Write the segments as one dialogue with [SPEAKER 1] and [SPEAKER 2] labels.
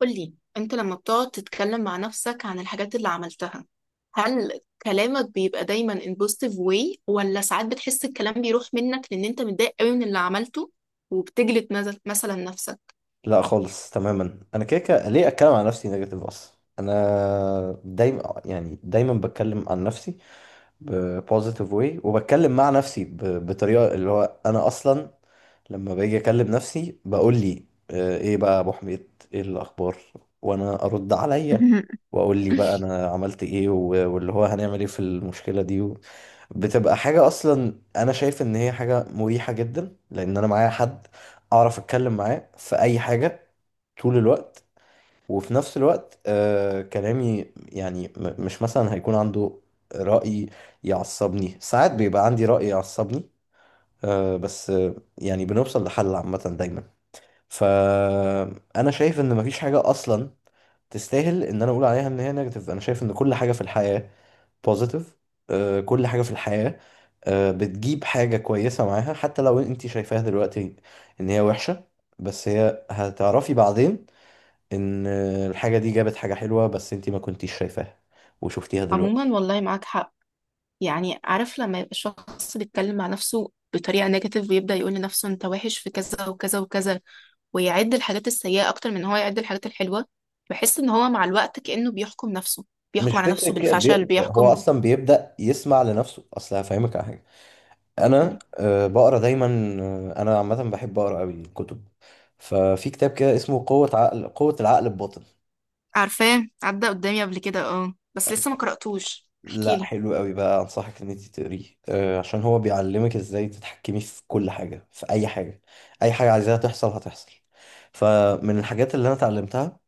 [SPEAKER 1] قولي انت لما بتقعد تتكلم مع نفسك عن الحاجات اللي عملتها، هل كلامك بيبقى دايما in positive way ولا ساعات بتحس الكلام بيروح منك لان انت متضايق قوي من اللي عملته وبتجلد مثلا نفسك؟
[SPEAKER 2] لا، خالص تماما. انا كده كده ليه اتكلم عن نفسي نيجاتيف اصلا. انا دايما يعني دايما بتكلم عن نفسي بوزيتيف واي، وبتكلم مع نفسي بطريقه اللي هو انا اصلا لما باجي اكلم نفسي. بقول لي ايه بقى يا ابو حميد، ايه الاخبار؟ وانا ارد عليا
[SPEAKER 1] مهم.
[SPEAKER 2] واقول لي بقى انا عملت ايه، واللي هو هنعمل ايه في المشكله دي، بتبقى حاجه. اصلا انا شايف ان هي حاجه مريحه جدا لان انا معايا حد اعرف اتكلم معاه في اي حاجه طول الوقت. وفي نفس الوقت كلامي يعني مش مثلا هيكون عنده رأي يعصبني. ساعات بيبقى عندي رأي يعصبني، بس يعني بنوصل لحل عامة دايما. فأنا شايف إن مفيش حاجة أصلا تستاهل إن أنا أقول عليها إن هي نيجاتيف. أنا شايف إن كل حاجة في الحياة بوزيتيف. كل حاجة في الحياة بتجيب حاجة كويسة معاها، حتى لو أنت شايفاها دلوقتي إن هي وحشة، بس هي هتعرفي بعدين ان الحاجه دي جابت حاجه حلوه بس انت ما كنتيش شايفاها وشفتيها دلوقتي.
[SPEAKER 1] عموما والله معاك حق. يعني عارف لما يبقى الشخص بيتكلم مع نفسه بطريقة نيجاتيف ويبدأ يقول لنفسه انت وحش في كذا وكذا وكذا، ويعد الحاجات السيئة اكتر من هو يعد الحاجات الحلوة، بحس ان هو مع الوقت كأنه بيحكم نفسه، بيحكم
[SPEAKER 2] مش
[SPEAKER 1] على
[SPEAKER 2] فكره
[SPEAKER 1] نفسه
[SPEAKER 2] كده
[SPEAKER 1] بالفشل،
[SPEAKER 2] هو
[SPEAKER 1] بيحكم.
[SPEAKER 2] اصلا بيبدا يسمع لنفسه. اصل هفهمك على حاجه، انا بقرا دايما. انا عامه بحب اقرا قوي كتب. ففي كتاب كده اسمه قوه العقل الباطن.
[SPEAKER 1] عارفاه عدى قدامي قبل كده، اه بس لسه ما قرأتوش،
[SPEAKER 2] لا
[SPEAKER 1] احكيلي.
[SPEAKER 2] حلو قوي بقى، انصحك ان انت تقريه. عشان هو بيعلمك ازاي تتحكمي في كل حاجه، في اي حاجه. اي حاجه عايزاها تحصل هتحصل. فمن الحاجات اللي انا اتعلمتها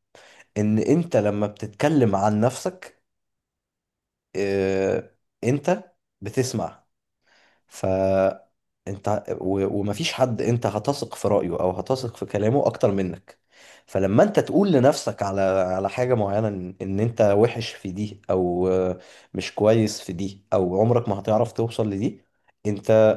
[SPEAKER 2] ان انت لما بتتكلم عن نفسك آه، انت بتسمع. ف انت ومفيش حد انت هتثق في رأيه او هتثق في كلامه اكتر منك. فلما انت تقول لنفسك على حاجة معينة ان انت وحش في دي او مش كويس في دي او عمرك ما هتعرف توصل لدي، انت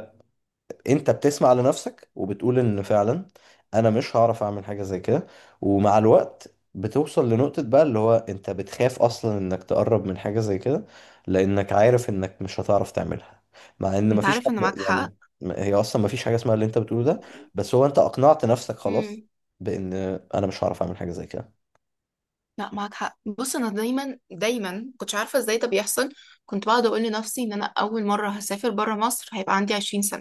[SPEAKER 2] بتسمع لنفسك وبتقول ان فعلا انا مش هعرف اعمل حاجة زي كده. ومع الوقت بتوصل لنقطة بقى اللي هو انت بتخاف اصلا انك تقرب من حاجة زي كده لانك عارف انك مش هتعرف تعملها، مع ان
[SPEAKER 1] انت
[SPEAKER 2] مفيش
[SPEAKER 1] عارف
[SPEAKER 2] حد
[SPEAKER 1] ان معاك حق.
[SPEAKER 2] يعني. هي اصلا مفيش حاجة اسمها اللي انت بتقوله ده. بس هو انت اقنعت نفسك خلاص
[SPEAKER 1] امم،
[SPEAKER 2] بان انا مش هعرف اعمل حاجة زي كده.
[SPEAKER 1] لا معاك حق. بص انا دايما كنتش عارفه ازاي ده بيحصل. كنت بقعد اقول لنفسي ان انا اول مره هسافر بره مصر هيبقى عندي 20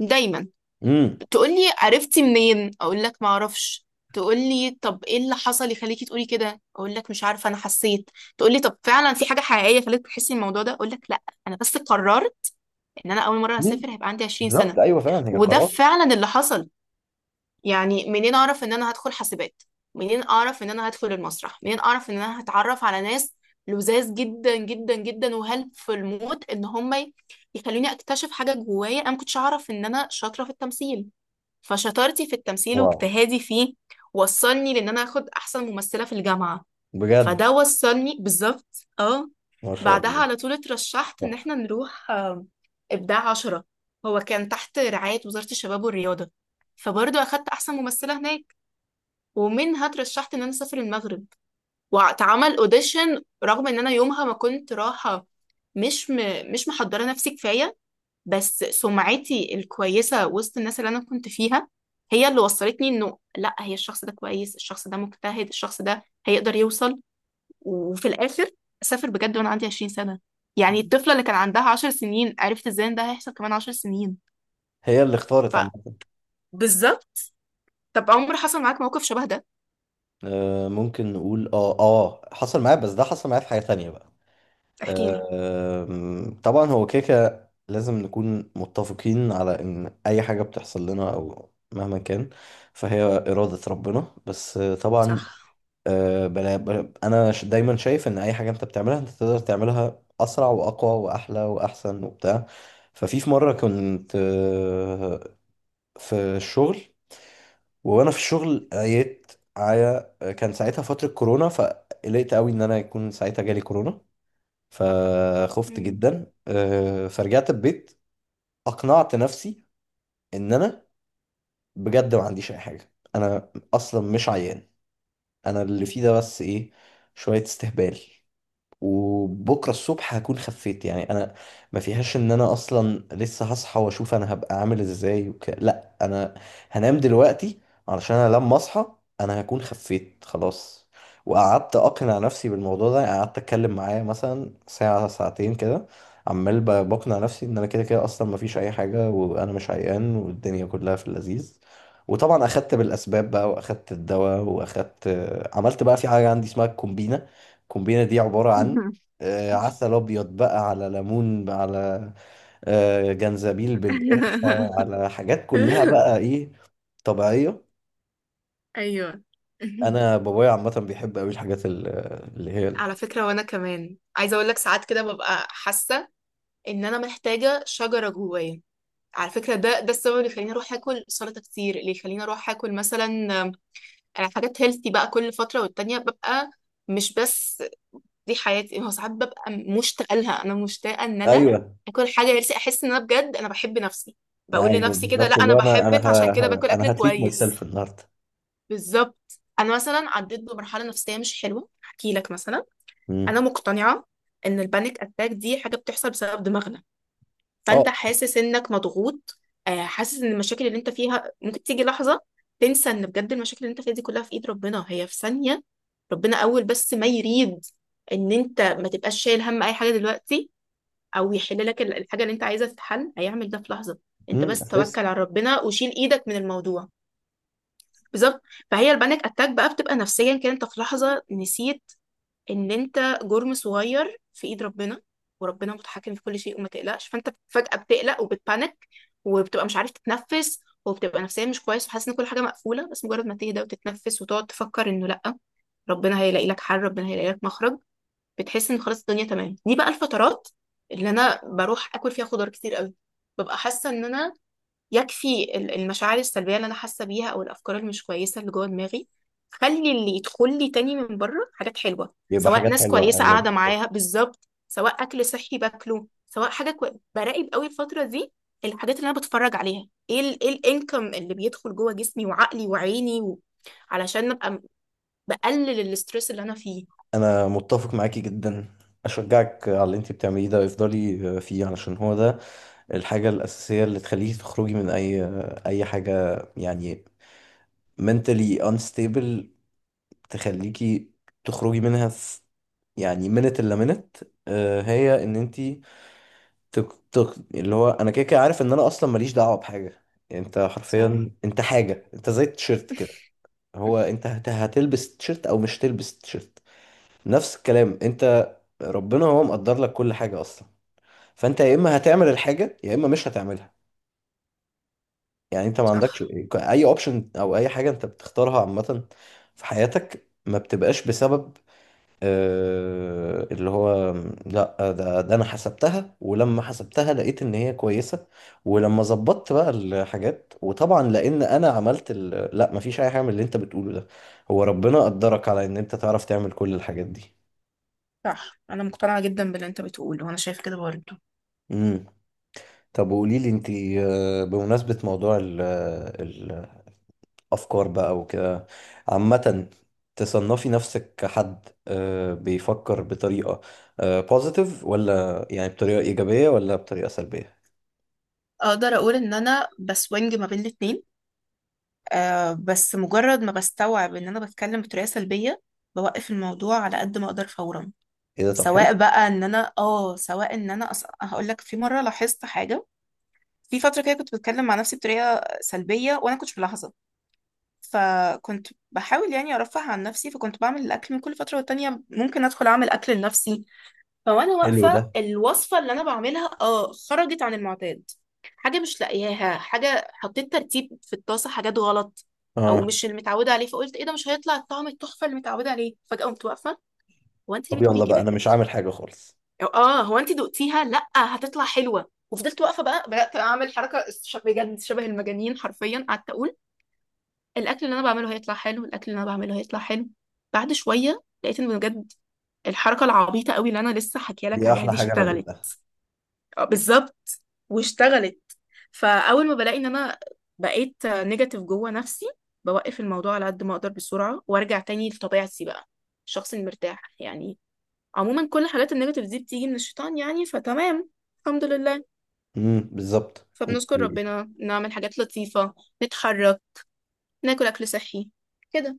[SPEAKER 1] سنه. دايما
[SPEAKER 2] امم.
[SPEAKER 1] تقول لي عرفتي منين، اقول لك ما اعرفش. تقول لي طب ايه اللي حصل يخليكي تقولي كده، اقول لك مش عارفه انا حسيت. تقول لي طب فعلا في حاجه حقيقيه خلتك تحسي الموضوع ده، اقول لك لا انا بس قررت ان انا اول مره
[SPEAKER 2] مم.
[SPEAKER 1] هسافر هيبقى عندي 20 سنه.
[SPEAKER 2] بالظبط. ايوه، فعلا هي
[SPEAKER 1] وده
[SPEAKER 2] قرار.
[SPEAKER 1] فعلا اللي حصل. يعني منين اعرف ان انا هدخل حاسبات، منين اعرف ان انا هدخل المسرح، منين اعرف ان انا هتعرف على ناس لذاذ جدا وهلب في الموت ان هم يخلوني اكتشف حاجه جوايا. انا ما كنتش اعرف ان انا شاطره في التمثيل، فشطارتي في التمثيل
[SPEAKER 2] واو.
[SPEAKER 1] واجتهادي فيه وصلني لان انا اخد احسن ممثله في الجامعه.
[SPEAKER 2] بجد.
[SPEAKER 1] فده وصلني بالظبط. اه،
[SPEAKER 2] ما شاء
[SPEAKER 1] بعدها
[SPEAKER 2] الله.
[SPEAKER 1] على طول اترشحت ان
[SPEAKER 2] تحفة.
[SPEAKER 1] احنا نروح ابداع عشرة. هو كان تحت رعاية وزارة الشباب والرياضة، فبرضه اخدت احسن ممثلة هناك. ومنها اترشحت ان انا اسافر المغرب واتعمل اوديشن، رغم ان انا يومها ما كنت رايحة، مش م... مش محضرة نفسي كفاية. بس سمعتي الكويسة وسط الناس اللي انا كنت فيها هي اللي وصلتني انه لا، هي الشخص ده كويس، الشخص ده مجتهد، الشخص ده هيقدر يوصل. وفي الاخر اسافر بجد وانا عندي 20 سنه. يعني الطفله اللي كان عندها 10 سنين عرفت ازاي ان ده هيحصل كمان 10 سنين.
[SPEAKER 2] هي اللي اختارت
[SPEAKER 1] ف
[SPEAKER 2] عامة.
[SPEAKER 1] بالظبط. طب عمر حصل معاك موقف شبه ده؟
[SPEAKER 2] ممكن نقول اه اه، حصل معايا. بس ده حصل معايا في حاجة تانية بقى.
[SPEAKER 1] احكي لي.
[SPEAKER 2] طبعا، هو كيكة. لازم نكون متفقين على ان اي حاجة بتحصل لنا او مهما كان فهي إرادة ربنا. بس
[SPEAKER 1] صح.
[SPEAKER 2] طبعا، بلا بلا، انا دايما شايف ان اي حاجة انت بتعملها انت تقدر تعملها اسرع واقوى واحلى واحسن وبتاع. في مرة كنت في الشغل، وانا في الشغل قريت على، كان ساعتها فترة كورونا فقلقت قوي ان انا يكون ساعتها جالي كورونا. فخفت
[SPEAKER 1] مم.
[SPEAKER 2] جدا. فرجعت البيت. اقنعت نفسي ان انا بجد ما عنديش اي حاجة، انا اصلا مش عيان. انا اللي فيه ده بس ايه، شوية استهبال، وبكره الصبح هكون خفيت. يعني انا ما فيهاش ان انا اصلا لسه هصحى واشوف انا هبقى عامل ازاي لا، انا هنام دلوقتي علشان انا لما اصحى انا هكون خفيت خلاص. وقعدت اقنع نفسي بالموضوع ده، يعني قعدت اتكلم معاه مثلا ساعه ساعتين كده عمال بقنع نفسي ان انا كده كده اصلا ما فيش اي حاجه وانا مش عيان والدنيا كلها في اللذيذ. وطبعا اخدت بالاسباب بقى واخدت الدواء واخدت، عملت بقى في حاجه عندي اسمها الكومبينه. الكومبينة دي عبارة عن عسل ابيض بقى على ليمون بقى على جنزبيل بالقرفه، على حاجات كلها بقى ايه، طبيعيه.
[SPEAKER 1] ايوه،
[SPEAKER 2] انا بابايا عامه بيحب قوي الحاجات اللي هي
[SPEAKER 1] على فكرة وأنا كمان عايزة أقول لك ساعات كده ببقى حاسة إن أنا محتاجة شجرة جوايا. على فكرة، ده السبب اللي يخليني أروح آكل سلطة كتير، اللي يخليني أروح آكل مثلا آم، حاجات هيلثي بقى. كل فترة والتانية ببقى، مش بس دي حياتي، ما هو ساعات ببقى مشتاقه لها. انا مشتاقه ان انا
[SPEAKER 2] ايوه،
[SPEAKER 1] اكل حاجه، نفسي احس ان انا بجد انا بحب نفسي، بقول
[SPEAKER 2] ايوه
[SPEAKER 1] لنفسي كده لا
[SPEAKER 2] بالظبط. اللي
[SPEAKER 1] انا
[SPEAKER 2] هو انا
[SPEAKER 1] بحبك عشان كده باكل اكل
[SPEAKER 2] انا هتريت ماي
[SPEAKER 1] كويس.
[SPEAKER 2] سيلف النهارده.
[SPEAKER 1] بالظبط. انا مثلا عديت بمرحله نفسيه مش حلوه، احكي لك مثلا.
[SPEAKER 2] مم.
[SPEAKER 1] انا مقتنعه ان البانيك اتاك دي حاجه بتحصل بسبب دماغنا.
[SPEAKER 2] اه.
[SPEAKER 1] فانت حاسس انك مضغوط، حاسس ان المشاكل اللي انت فيها ممكن تيجي لحظة تنسى ان بجد المشاكل اللي انت فيها دي كلها في ايد ربنا، هي في ثانية ربنا اول بس ما يريد ان انت ما تبقاش شايل هم اي حاجة دلوقتي، او يحل لك الحاجة اللي انت عايزها تتحل هيعمل ده في لحظة. انت
[SPEAKER 2] امم،
[SPEAKER 1] بس
[SPEAKER 2] اساس.
[SPEAKER 1] توكل على ربنا وشيل ايدك من الموضوع. بالظبط. فهي البانيك اتاك بقى بتبقى نفسيا كده، انت في لحظة نسيت ان انت جرم صغير في ايد ربنا، وربنا متحكم في كل شيء وما تقلقش. فانت فجأة بتقلق وبتبانك وبتبقى مش عارف تتنفس وبتبقى نفسيا مش كويس وحاسس ان كل حاجة مقفولة. بس مجرد ما تهدى وتتنفس وتقعد تفكر انه لا، ربنا هيلاقي لك حل، ربنا هيلاقي لك مخرج، بتحس ان خلاص الدنيا تمام. دي بقى الفترات اللي انا بروح اكل فيها خضار كتير قوي. ببقى حاسة ان انا يكفي المشاعر السلبية اللي أنا حاسة بيها أو الأفكار اللي مش كويسة اللي جوه دماغي، خلي اللي يدخل لي تاني من بره حاجات حلوة،
[SPEAKER 2] يبقى
[SPEAKER 1] سواء
[SPEAKER 2] حاجات
[SPEAKER 1] ناس
[SPEAKER 2] حلوه،
[SPEAKER 1] كويسة
[SPEAKER 2] ايوه
[SPEAKER 1] قاعدة
[SPEAKER 2] بالظبط.
[SPEAKER 1] معاها بالظبط، سواء أكل صحي باكله، سواء براقب قوي الفترة دي الحاجات اللي أنا بتفرج عليها، إيه إيه الإنكم اللي بيدخل جوه جسمي وعقلي وعيني و...، علشان أبقى بقلل الاسترس اللي أنا فيه.
[SPEAKER 2] انا متفق معاكي جدا. اشجعك على اللي انت بتعمليه ده، افضلي فيه علشان هو ده الحاجه الاساسيه اللي تخليكي تخرجي من اي اي حاجه، يعني mentally unstable. تخليكي تخرجي منها في يعني minute الا minute. هي ان انت تك تك، اللي هو انا كده كده عارف ان انا اصلا ماليش دعوه بحاجه. يعني انت حرفيا
[SPEAKER 1] صح
[SPEAKER 2] انت حاجه، انت زي التيشيرت كده. هو انت هتلبس تيشيرت او مش تلبس تيشيرت. نفس الكلام انت، ربنا هو مقدر لك كل حاجه اصلا. فانت يا اما هتعمل الحاجه يا اما مش هتعملها. يعني انت ما عندكش
[SPEAKER 1] صح
[SPEAKER 2] اي اوبشن، او اي حاجه انت بتختارها عامه في حياتك ما بتبقاش بسبب اللي هو لا، ده انا حسبتها ولما حسبتها لقيت ان هي كويسة، ولما ظبطت بقى الحاجات وطبعا لان انا عملت لا، مفيش اي حاجة من اللي انت بتقوله ده. هو ربنا قدرك على ان انت تعرف تعمل كل الحاجات دي.
[SPEAKER 1] صح. انا مقتنعه جدا باللي انت بتقوله وانا شايفه كده برضه.
[SPEAKER 2] امم. طب وقولي لي انت، بمناسبة موضوع ال افكار بقى وكده عامة، تصنفي نفسك كحد بيفكر بطريقة بوزيتيف ولا يعني بطريقة ايجابية ولا بطريقة سلبية؟
[SPEAKER 1] اقدر اقول ان انا بسوينج ما بين الاتنين. آه بس مجرد ما بستوعب ان انا بتكلم بطريقه سلبيه بوقف الموضوع على قد ما اقدر فورا.
[SPEAKER 2] ايه ده، طب
[SPEAKER 1] سواء
[SPEAKER 2] حلو.
[SPEAKER 1] بقى ان انا اه، سواء ان انا هقول لك في مره لاحظت حاجه. في فتره كده كنت بتكلم مع نفسي بطريقه سلبيه وانا كنتش ملاحظه، فكنت بحاول يعني ارفه عن نفسي، فكنت بعمل الاكل من كل فتره والتانيه ممكن ادخل اعمل اكل لنفسي. فوانا
[SPEAKER 2] حلو ده.
[SPEAKER 1] واقفة الوصفة اللي انا بعملها اه خرجت عن المعتاد، حاجة مش لاقياها، حاجة حطيت ترتيب في الطاسة حاجات غلط او
[SPEAKER 2] اه.
[SPEAKER 1] مش المتعودة عليه، فقلت ايه ده مش هيطلع الطعم التحفة اللي متعودة عليه. فجأة قمت واقفة، هو انت ليه
[SPEAKER 2] طب
[SPEAKER 1] بتقولي
[SPEAKER 2] يلا بقى
[SPEAKER 1] كده؟
[SPEAKER 2] انا مش عامل حاجة خالص.
[SPEAKER 1] أو اه هو انت دقتيها؟ لا هتطلع حلوة. وفضلت واقفة بقى بدأت اعمل حركة بجد شبه المجانين، حرفيا قعدت اقول الاكل اللي انا بعمله هيطلع حلو، الاكل اللي انا بعمله هيطلع حلو. بعد شوية لقيت ان بجد الحركة العبيطة قوي اللي انا لسه حكيالك
[SPEAKER 2] دي
[SPEAKER 1] عليها
[SPEAKER 2] احلى
[SPEAKER 1] دي
[SPEAKER 2] حاجة انا
[SPEAKER 1] اشتغلت.
[SPEAKER 2] دوقتها.
[SPEAKER 1] بالظبط، واشتغلت. فاول ما بلاقي ان انا بقيت نيجاتيف جوه نفسي بوقف الموضوع على قد ما اقدر بسرعه وارجع تاني لطبيعتي بقى الشخص المرتاح يعني. عموما كل حالات النيجاتيف دي بتيجي من الشيطان يعني، فتمام، الحمد لله.
[SPEAKER 2] امم، بالظبط انت
[SPEAKER 1] فبنشكر ربنا، نعمل حاجات لطيفه، نتحرك، ناكل اكل صحي، كده.